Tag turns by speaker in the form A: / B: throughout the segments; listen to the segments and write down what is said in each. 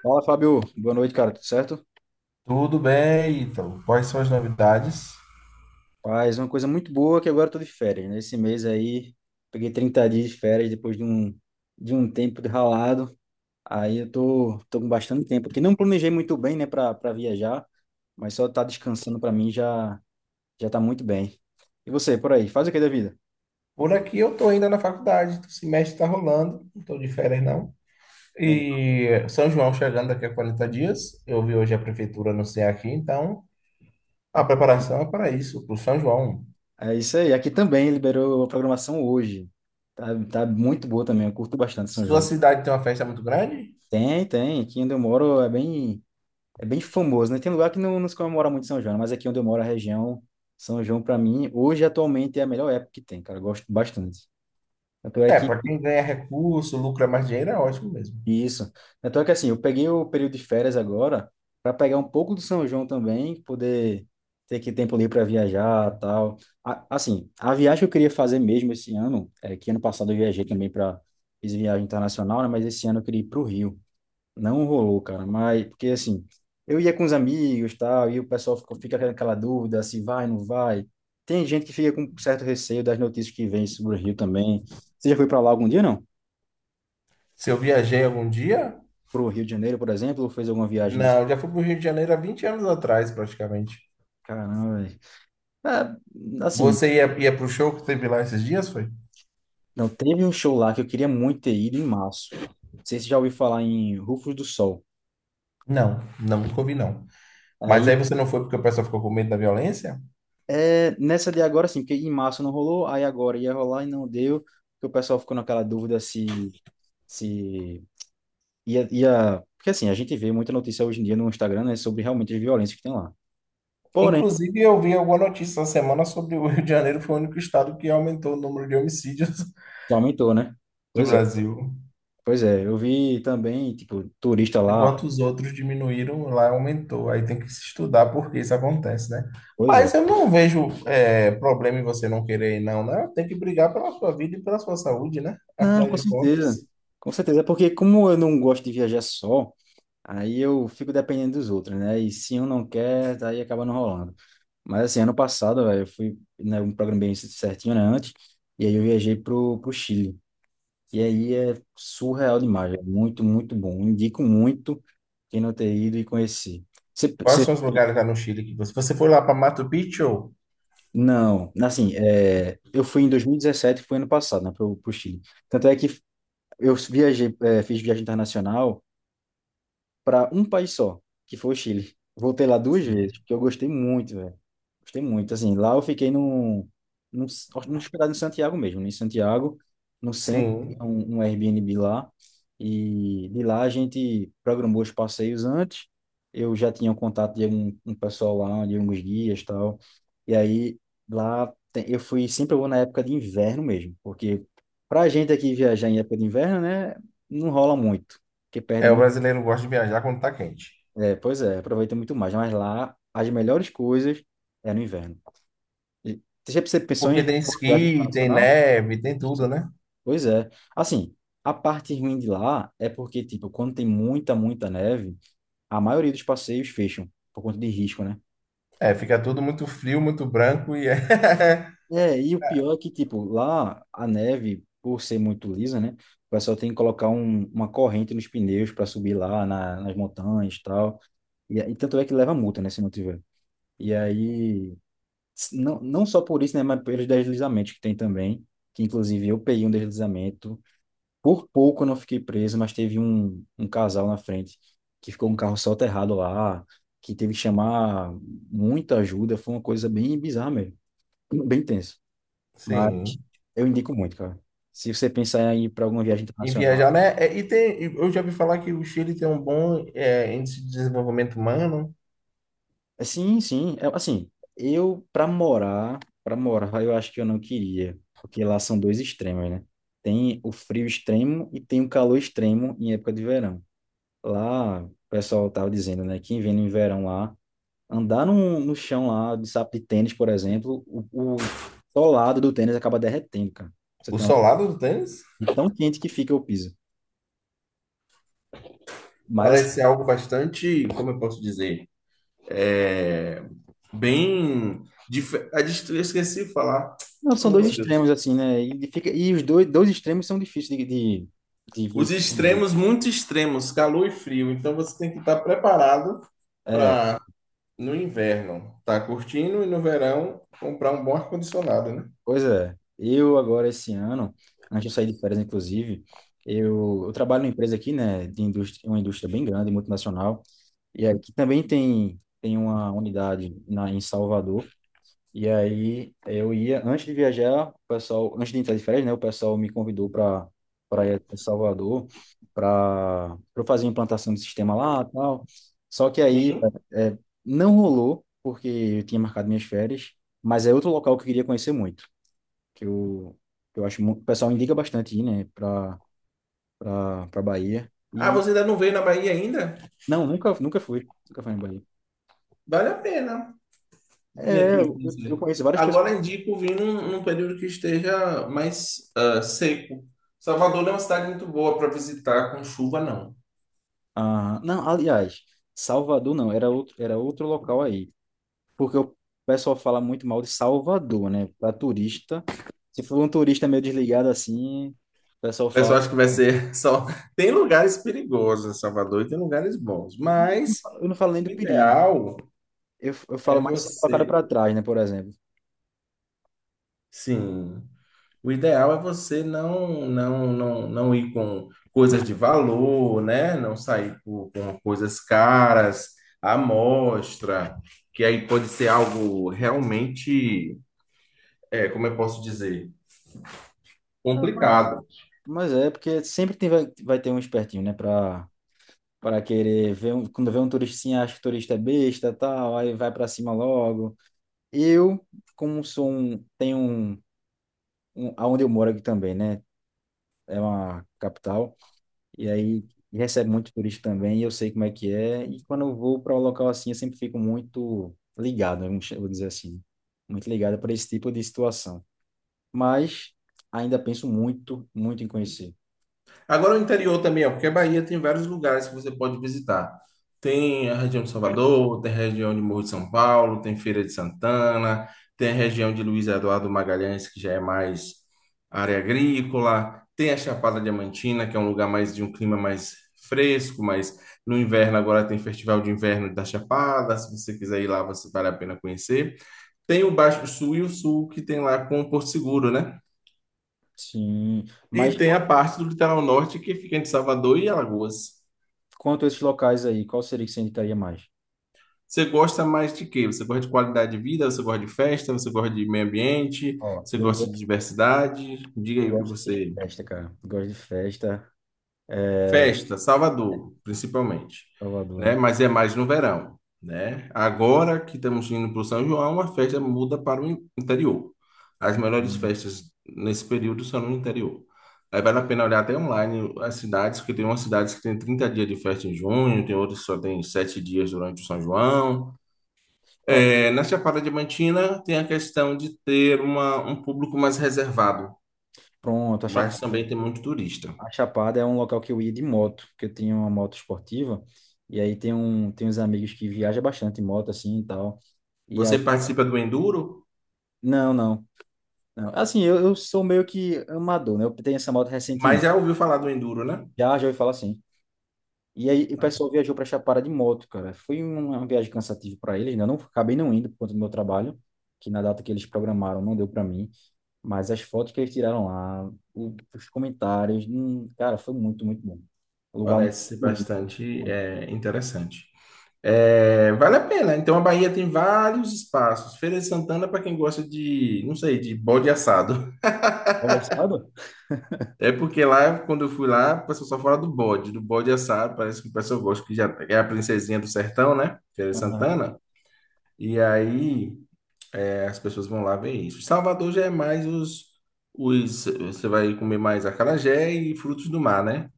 A: Fala, Fábio. Boa noite, cara. Tudo certo?
B: Tudo bem, então. Quais são as novidades?
A: Paz, uma coisa muito boa que agora eu tô de férias, né? Esse mês aí, peguei 30 dias de férias depois de um tempo de ralado. Aí eu tô com bastante tempo aqui. Não planejei muito bem, né, pra viajar, mas só tá descansando pra mim já, já tá muito bem. E você, por aí, faz o que da vida?
B: Por aqui eu tô ainda na faculdade, o semestre tá rolando, não tô de férias não.
A: Olha,
B: E São João chegando daqui a 40 dias. Eu vi hoje a prefeitura anunciar aqui, então a
A: rap-
B: preparação é para isso, para o São João.
A: é isso aí. Aqui também liberou a programação hoje. Tá muito boa também. Eu curto bastante São
B: Sua
A: João.
B: cidade tem uma festa muito grande?
A: Tem, tem. Aqui onde eu moro é bem. É bem famoso, né? Tem lugar que não se comemora muito São João, mas aqui onde eu moro, a região São João, para mim, hoje atualmente é a melhor época que tem, cara. Eu gosto bastante. Tanto é
B: É,
A: que
B: para quem ganha recurso, lucra mais dinheiro, é ótimo mesmo.
A: isso. Tanto é que, assim, eu peguei o período de férias agora para pegar um pouco do São João também, poder ter que tempo livre para viajar, tal. Assim, a viagem que eu queria fazer mesmo esse ano, é que ano passado eu viajei também para fiz viagem internacional, né? Mas esse ano eu queria ir para o Rio. Não rolou, cara, mas porque, assim, eu ia com os amigos, tal, e o pessoal fica com aquela dúvida se vai, não vai. Tem gente que fica com certo receio das notícias que vem sobre o Rio também. Você já foi para lá algum dia, não?
B: Se eu viajei algum dia?
A: Pro Rio de Janeiro, por exemplo, ou fez alguma viagem de.
B: Não, eu já fui para o Rio de Janeiro há 20 anos atrás, praticamente.
A: Caramba, velho. É, assim,
B: Você ia para o show que teve lá esses dias, foi?
A: não teve um show lá que eu queria muito ter ido em março. Não sei se você já ouviu falar em Rufos do Sol.
B: Não, não, nunca ouvi, não. Mas
A: Aí
B: aí você não foi porque o pessoal ficou com medo da violência?
A: é nessa de agora, sim, porque em março não rolou, aí agora ia rolar e não deu, porque o pessoal ficou naquela dúvida se. Porque assim, a gente vê muita notícia hoje em dia no Instagram, né, sobre realmente as violências que tem lá. Porém,
B: Inclusive, eu vi alguma notícia essa semana sobre o Rio de Janeiro foi o único estado que aumentou o número de homicídios
A: só aumentou, né?
B: do
A: Pois é,
B: Brasil.
A: pois é. Eu vi também, tipo, turista lá.
B: Enquanto os outros diminuíram, lá aumentou. Aí tem que se estudar por que isso acontece, né?
A: Pois é.
B: Mas eu não vejo é, problema em você não querer ir, não, né? Tem que brigar pela sua vida e pela sua saúde, né?
A: Não,
B: Afinal
A: com
B: de
A: certeza.
B: contas,
A: Com certeza. Porque como eu não gosto de viajar só, aí eu fico dependendo dos outros, né? E se um não quer, daí acaba não rolando. Mas, assim, ano passado, velho, eu fui, né, um programa bem certinho, né, antes, e aí eu viajei pro Chile. E aí é surreal demais, é muito, muito bom. Indico muito quem não ter ido e conhecer. Você,
B: quais
A: você-
B: são os lugares lá no Chile que você... Você foi lá para Machu Picchu?
A: não, assim, é, eu fui em 2017, foi ano passado, né, para o Chile. Tanto é que eu viajei, fiz viagem internacional para um país só, que foi o Chile. Voltei lá duas
B: Sim.
A: vezes, porque eu gostei muito, velho. Gostei muito, assim, lá eu fiquei num, num hospedado em Santiago mesmo, em Santiago, no centro,
B: Sim.
A: um Airbnb lá, e de lá a gente programou os passeios antes, eu já tinha um contato de um pessoal lá, de alguns guias e tal, e aí eu fui, sempre eu vou na época de inverno mesmo, porque pra gente aqui viajar em época de inverno, né, não rola muito, porque
B: É,
A: perde
B: o
A: muito
B: brasileiro gosta de viajar quando tá quente.
A: é, pois é, aproveita muito mais. Mas lá, as melhores coisas é no inverno. E você pensou
B: Porque
A: em
B: tem
A: viagem
B: esqui, tem
A: internacional?
B: neve, tem tudo, né?
A: Pois é. Assim, a parte ruim de lá é porque, tipo, quando tem muita, muita neve, a maioria dos passeios fecham, por conta de risco, né?
B: É, fica tudo muito frio, muito branco e é.
A: É, e o pior é que, tipo, lá a neve, por ser muito lisa, né? O pessoal tem que colocar uma corrente nos pneus para subir lá nas montanhas e tal. E tanto é que leva multa, né, se não tiver. E aí. Não, não só por isso, né, mas pelos deslizamentos que tem também, que inclusive eu peguei um deslizamento. Por pouco eu não fiquei preso, mas teve um casal na frente que ficou um carro soterrado lá, que teve que chamar muita ajuda. Foi uma coisa bem bizarra mesmo, bem tenso. Mas
B: Sim.
A: eu indico muito, cara. Se você pensar em ir para alguma viagem
B: E
A: internacional,
B: viajar, né? É, E tem, eu já ouvi falar que o Chile tem um bom é, índice de desenvolvimento humano.
A: é, sim, sim. É, assim, eu para morar, eu acho que eu não queria, porque lá são dois extremos, né? Tem o frio extremo e tem o calor extremo em época de verão. Lá, o pessoal tava dizendo, né, que vem no verão lá, andar no chão lá de sapato de tênis, por exemplo, o solado do tênis acaba derretendo, cara. Você
B: O
A: tem uma,
B: solado do tênis
A: de tão quente que fica o piso. Mas, assim,
B: parece ser algo bastante, como eu posso dizer, é bem. Dif- a dist- eu esqueci de falar.
A: não, são
B: Oh,
A: dois
B: meu Deus.
A: extremos, assim, né? E os dois extremos são difíceis de vir.
B: Os extremos, muito extremos, calor e frio. Então você tem que estar preparado para no inverno tá curtindo e no verão comprar um bom ar-condicionado, né?
A: Pois é, eu agora esse ano, antes de sair de férias, inclusive, eu trabalho numa empresa aqui, né, de indústria, uma indústria bem grande, multinacional, e aqui também tem, uma unidade em Salvador, e aí eu ia, antes de viajar, o pessoal, antes de entrar de férias, né, o pessoal me convidou para ir a Salvador, para eu fazer a implantação do sistema lá e tal, só que aí
B: Sim.
A: é, não rolou, porque eu tinha marcado minhas férias, mas é outro local que eu queria conhecer muito que eu, que eu, acho muito, o pessoal indica bastante ir, né, pra Bahia.
B: Ah,
A: E,
B: você ainda não veio na Bahia ainda?
A: não, nunca fui na Bahia.
B: Vale a pena vir
A: É,
B: aqui
A: eu
B: conhecer.
A: conheço várias pessoas.
B: Agora é indico vir num, num período que esteja mais ah, seco. Salvador não é uma cidade muito boa para visitar com chuva, não.
A: Ah, não, aliás, Salvador não, era outro local aí. Porque o pessoal fala muito mal de Salvador, né, para turista. Se for um turista meio desligado assim, o pessoal
B: O pessoal
A: fala.
B: acha que vai ser só. Tem lugares perigosos em Salvador e tem lugares bons, mas
A: Eu não falo nem do
B: o
A: perigo.
B: ideal
A: Eu falo
B: é
A: mais sempre colocado para
B: você.
A: trás, né, por exemplo.
B: Sim. O ideal é você não ir com coisas de valor, né? Não sair com coisas caras, à mostra, que aí pode ser algo realmente, é, como eu posso dizer,
A: Ah, Mas
B: complicado.
A: mas é, porque sempre tem, vai ter um espertinho, né, para querer ver um, quando vê um turistinha acha que o turista é besta, tal, aí vai para cima logo. Eu, como tenho um aonde eu moro aqui também, né? É uma capital e aí recebe muito turista também, e eu sei como é que é, e quando eu vou para um local assim, eu sempre fico muito ligado, vou dizer assim, muito ligado para esse tipo de situação. Mas ainda penso muito, muito em conhecer.
B: Agora o interior também, ó, porque a Bahia tem vários lugares que você pode visitar. Tem a região de Salvador, tem a região de Morro de São Paulo, tem Feira de Santana, tem a região de Luiz Eduardo Magalhães, que já é mais área agrícola, tem a Chapada Diamantina, que é um lugar mais de um clima mais fresco, mas no inverno agora tem Festival de Inverno da Chapada, se você quiser ir lá, você vale a pena conhecer. Tem o Baixo Sul e o Sul, que tem lá com o Porto Seguro, né?
A: Sim,
B: E
A: mas
B: tem a parte do litoral norte que fica entre Salvador e Alagoas.
A: quanto a esses locais aí, qual seria que você indicaria mais?
B: Você gosta mais de quê? Você gosta de qualidade de vida? Você gosta de festa? Você gosta de meio ambiente?
A: Ó,
B: Você
A: eu
B: gosta de diversidade? Diga
A: Eu
B: aí o que
A: gosto de
B: você.
A: festa, cara. Eu gosto de festa. É...
B: Festa, Salvador, principalmente,
A: Salvador, né?
B: né? Mas é mais no verão, né? Agora que estamos indo para o São João, a festa muda para o in- interior. As melhores
A: Uhum.
B: festas nesse período são no interior. Aí vale a pena olhar até online as cidades, porque tem umas cidades que tem 30 dias de festa em junho, tem outras que só tem 7 dias durante o São João.
A: Ó,
B: É, na Chapada Diamantina tem a questão de ter uma, um público mais reservado,
A: pronto, a
B: mas
A: Chapada.
B: também tem muito turista.
A: A Chapada é um local que eu ia de moto, porque eu tinha uma moto esportiva. E aí tem uns amigos que viajam bastante em moto, assim, e tal. E a...
B: Você participa do Enduro,
A: Não, não, não. Assim, eu sou meio que amador, né? Eu tenho essa moto
B: mas
A: recentemente.
B: já ouviu falar do Enduro, né?
A: Já, já ouvi falar assim. E aí o
B: Ah,
A: pessoal viajou pra Chapada de moto, cara. Foi uma viagem cansativa para eles, né? Eu não, acabei não indo por conta do meu trabalho, que na data que eles programaram não deu para mim. Mas as fotos que eles tiraram lá, os comentários, cara, foi muito, muito bom. Um lugar muito
B: parece
A: bonito.
B: bastante
A: Bom,
B: é, interessante. É, vale a pena. Então a Bahia tem vários espaços. Feira de Santana para quem gosta de, não sei, de bode assado.
A: olha esse lado?
B: É porque lá, quando eu fui lá, o pessoal só fala do bode assado. Parece que o pessoal gosta que já é a princesinha do sertão, né? Feira de
A: Aham.
B: Santana. E aí as pessoas vão lá ver isso. Salvador já é mais os, os. Você vai comer mais acarajé e frutos do mar, né?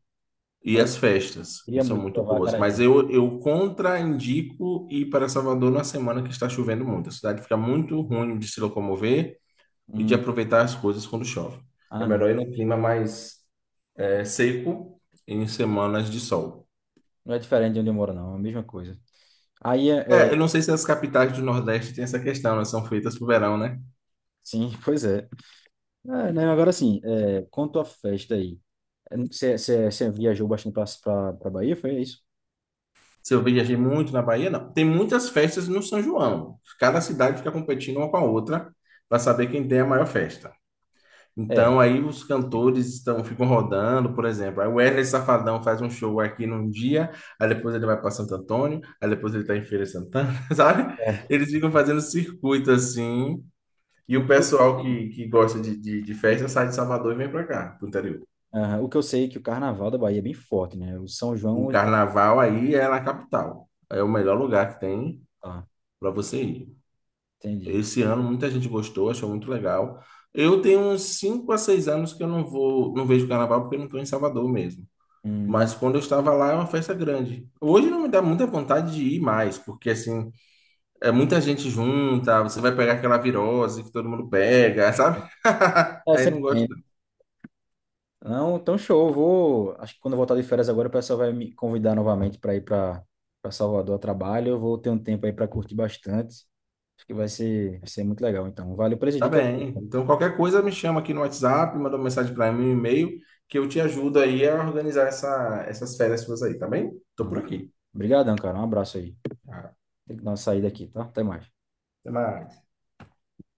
B: E
A: Eu
B: as festas, que
A: queria
B: são
A: muito
B: muito
A: provar
B: boas. Mas
A: acarajé.
B: eu contraindico ir para Salvador na semana que está chovendo muito. A cidade fica muito ruim de se locomover e de
A: Hum,
B: aproveitar as coisas quando chove. É
A: ah, não.
B: melhor ir num clima mais é, seco em semanas de sol.
A: Não é diferente de onde eu moro, não. É a mesma coisa. Aí,
B: É, eu não sei se as capitais do Nordeste têm essa questão, elas são feitas para o verão, né?
A: sim, pois é. É, né, agora sim, quanto à festa aí. É, você viajou bastante para Bahia, foi isso?
B: Se eu viajei muito na Bahia, não. Tem muitas festas no São João. Cada cidade fica competindo uma com a outra para saber quem tem a maior festa.
A: É.
B: Então aí os cantores estão ficam rodando, por exemplo. Aí o Wesley Safadão faz um show aqui num dia, aí depois ele vai para Santo Antônio, aí depois ele está em Feira de Santana, sabe?
A: É.
B: Eles ficam fazendo circuito assim. E
A: O
B: o
A: que eu
B: pessoal
A: sei,
B: que gosta de festa sai de Salvador e vem para cá, pro interior.
A: aham, o que eu sei é que o carnaval da Bahia é bem forte, né? O São
B: O
A: João.
B: carnaval aí é na capital. É o melhor lugar que tem
A: Ah,
B: para você ir.
A: entendi.
B: Esse ano muita gente gostou, achou muito legal. Eu tenho uns 5 a 6 anos que eu não vou, não vejo carnaval porque eu não estou em Salvador mesmo.
A: Hum.
B: Mas quando eu estava lá é uma festa grande. Hoje não me dá muita vontade de ir mais, porque assim, é muita gente junta, você vai pegar aquela virose que todo mundo pega, sabe?
A: É,
B: Aí não
A: sempre
B: gosto.
A: tem. Não, então, show. Eu vou. Acho que quando eu voltar de férias agora, o pessoal vai me convidar novamente para ir para Salvador a trabalho. Eu vou ter um tempo aí para curtir bastante. Acho que vai ser muito legal. Então, valeu pelas
B: Tá
A: dicas aí,
B: bem.
A: pô.
B: Então qualquer coisa me chama aqui no WhatsApp, manda uma mensagem para mim, um e-mail, que eu te ajudo aí a organizar essas férias suas aí, tá bem? Tô por
A: Não.
B: aqui.
A: Obrigadão, cara. Um abraço aí.
B: Ah,
A: Tem que dar uma saída aqui, tá? Até mais.
B: até mais.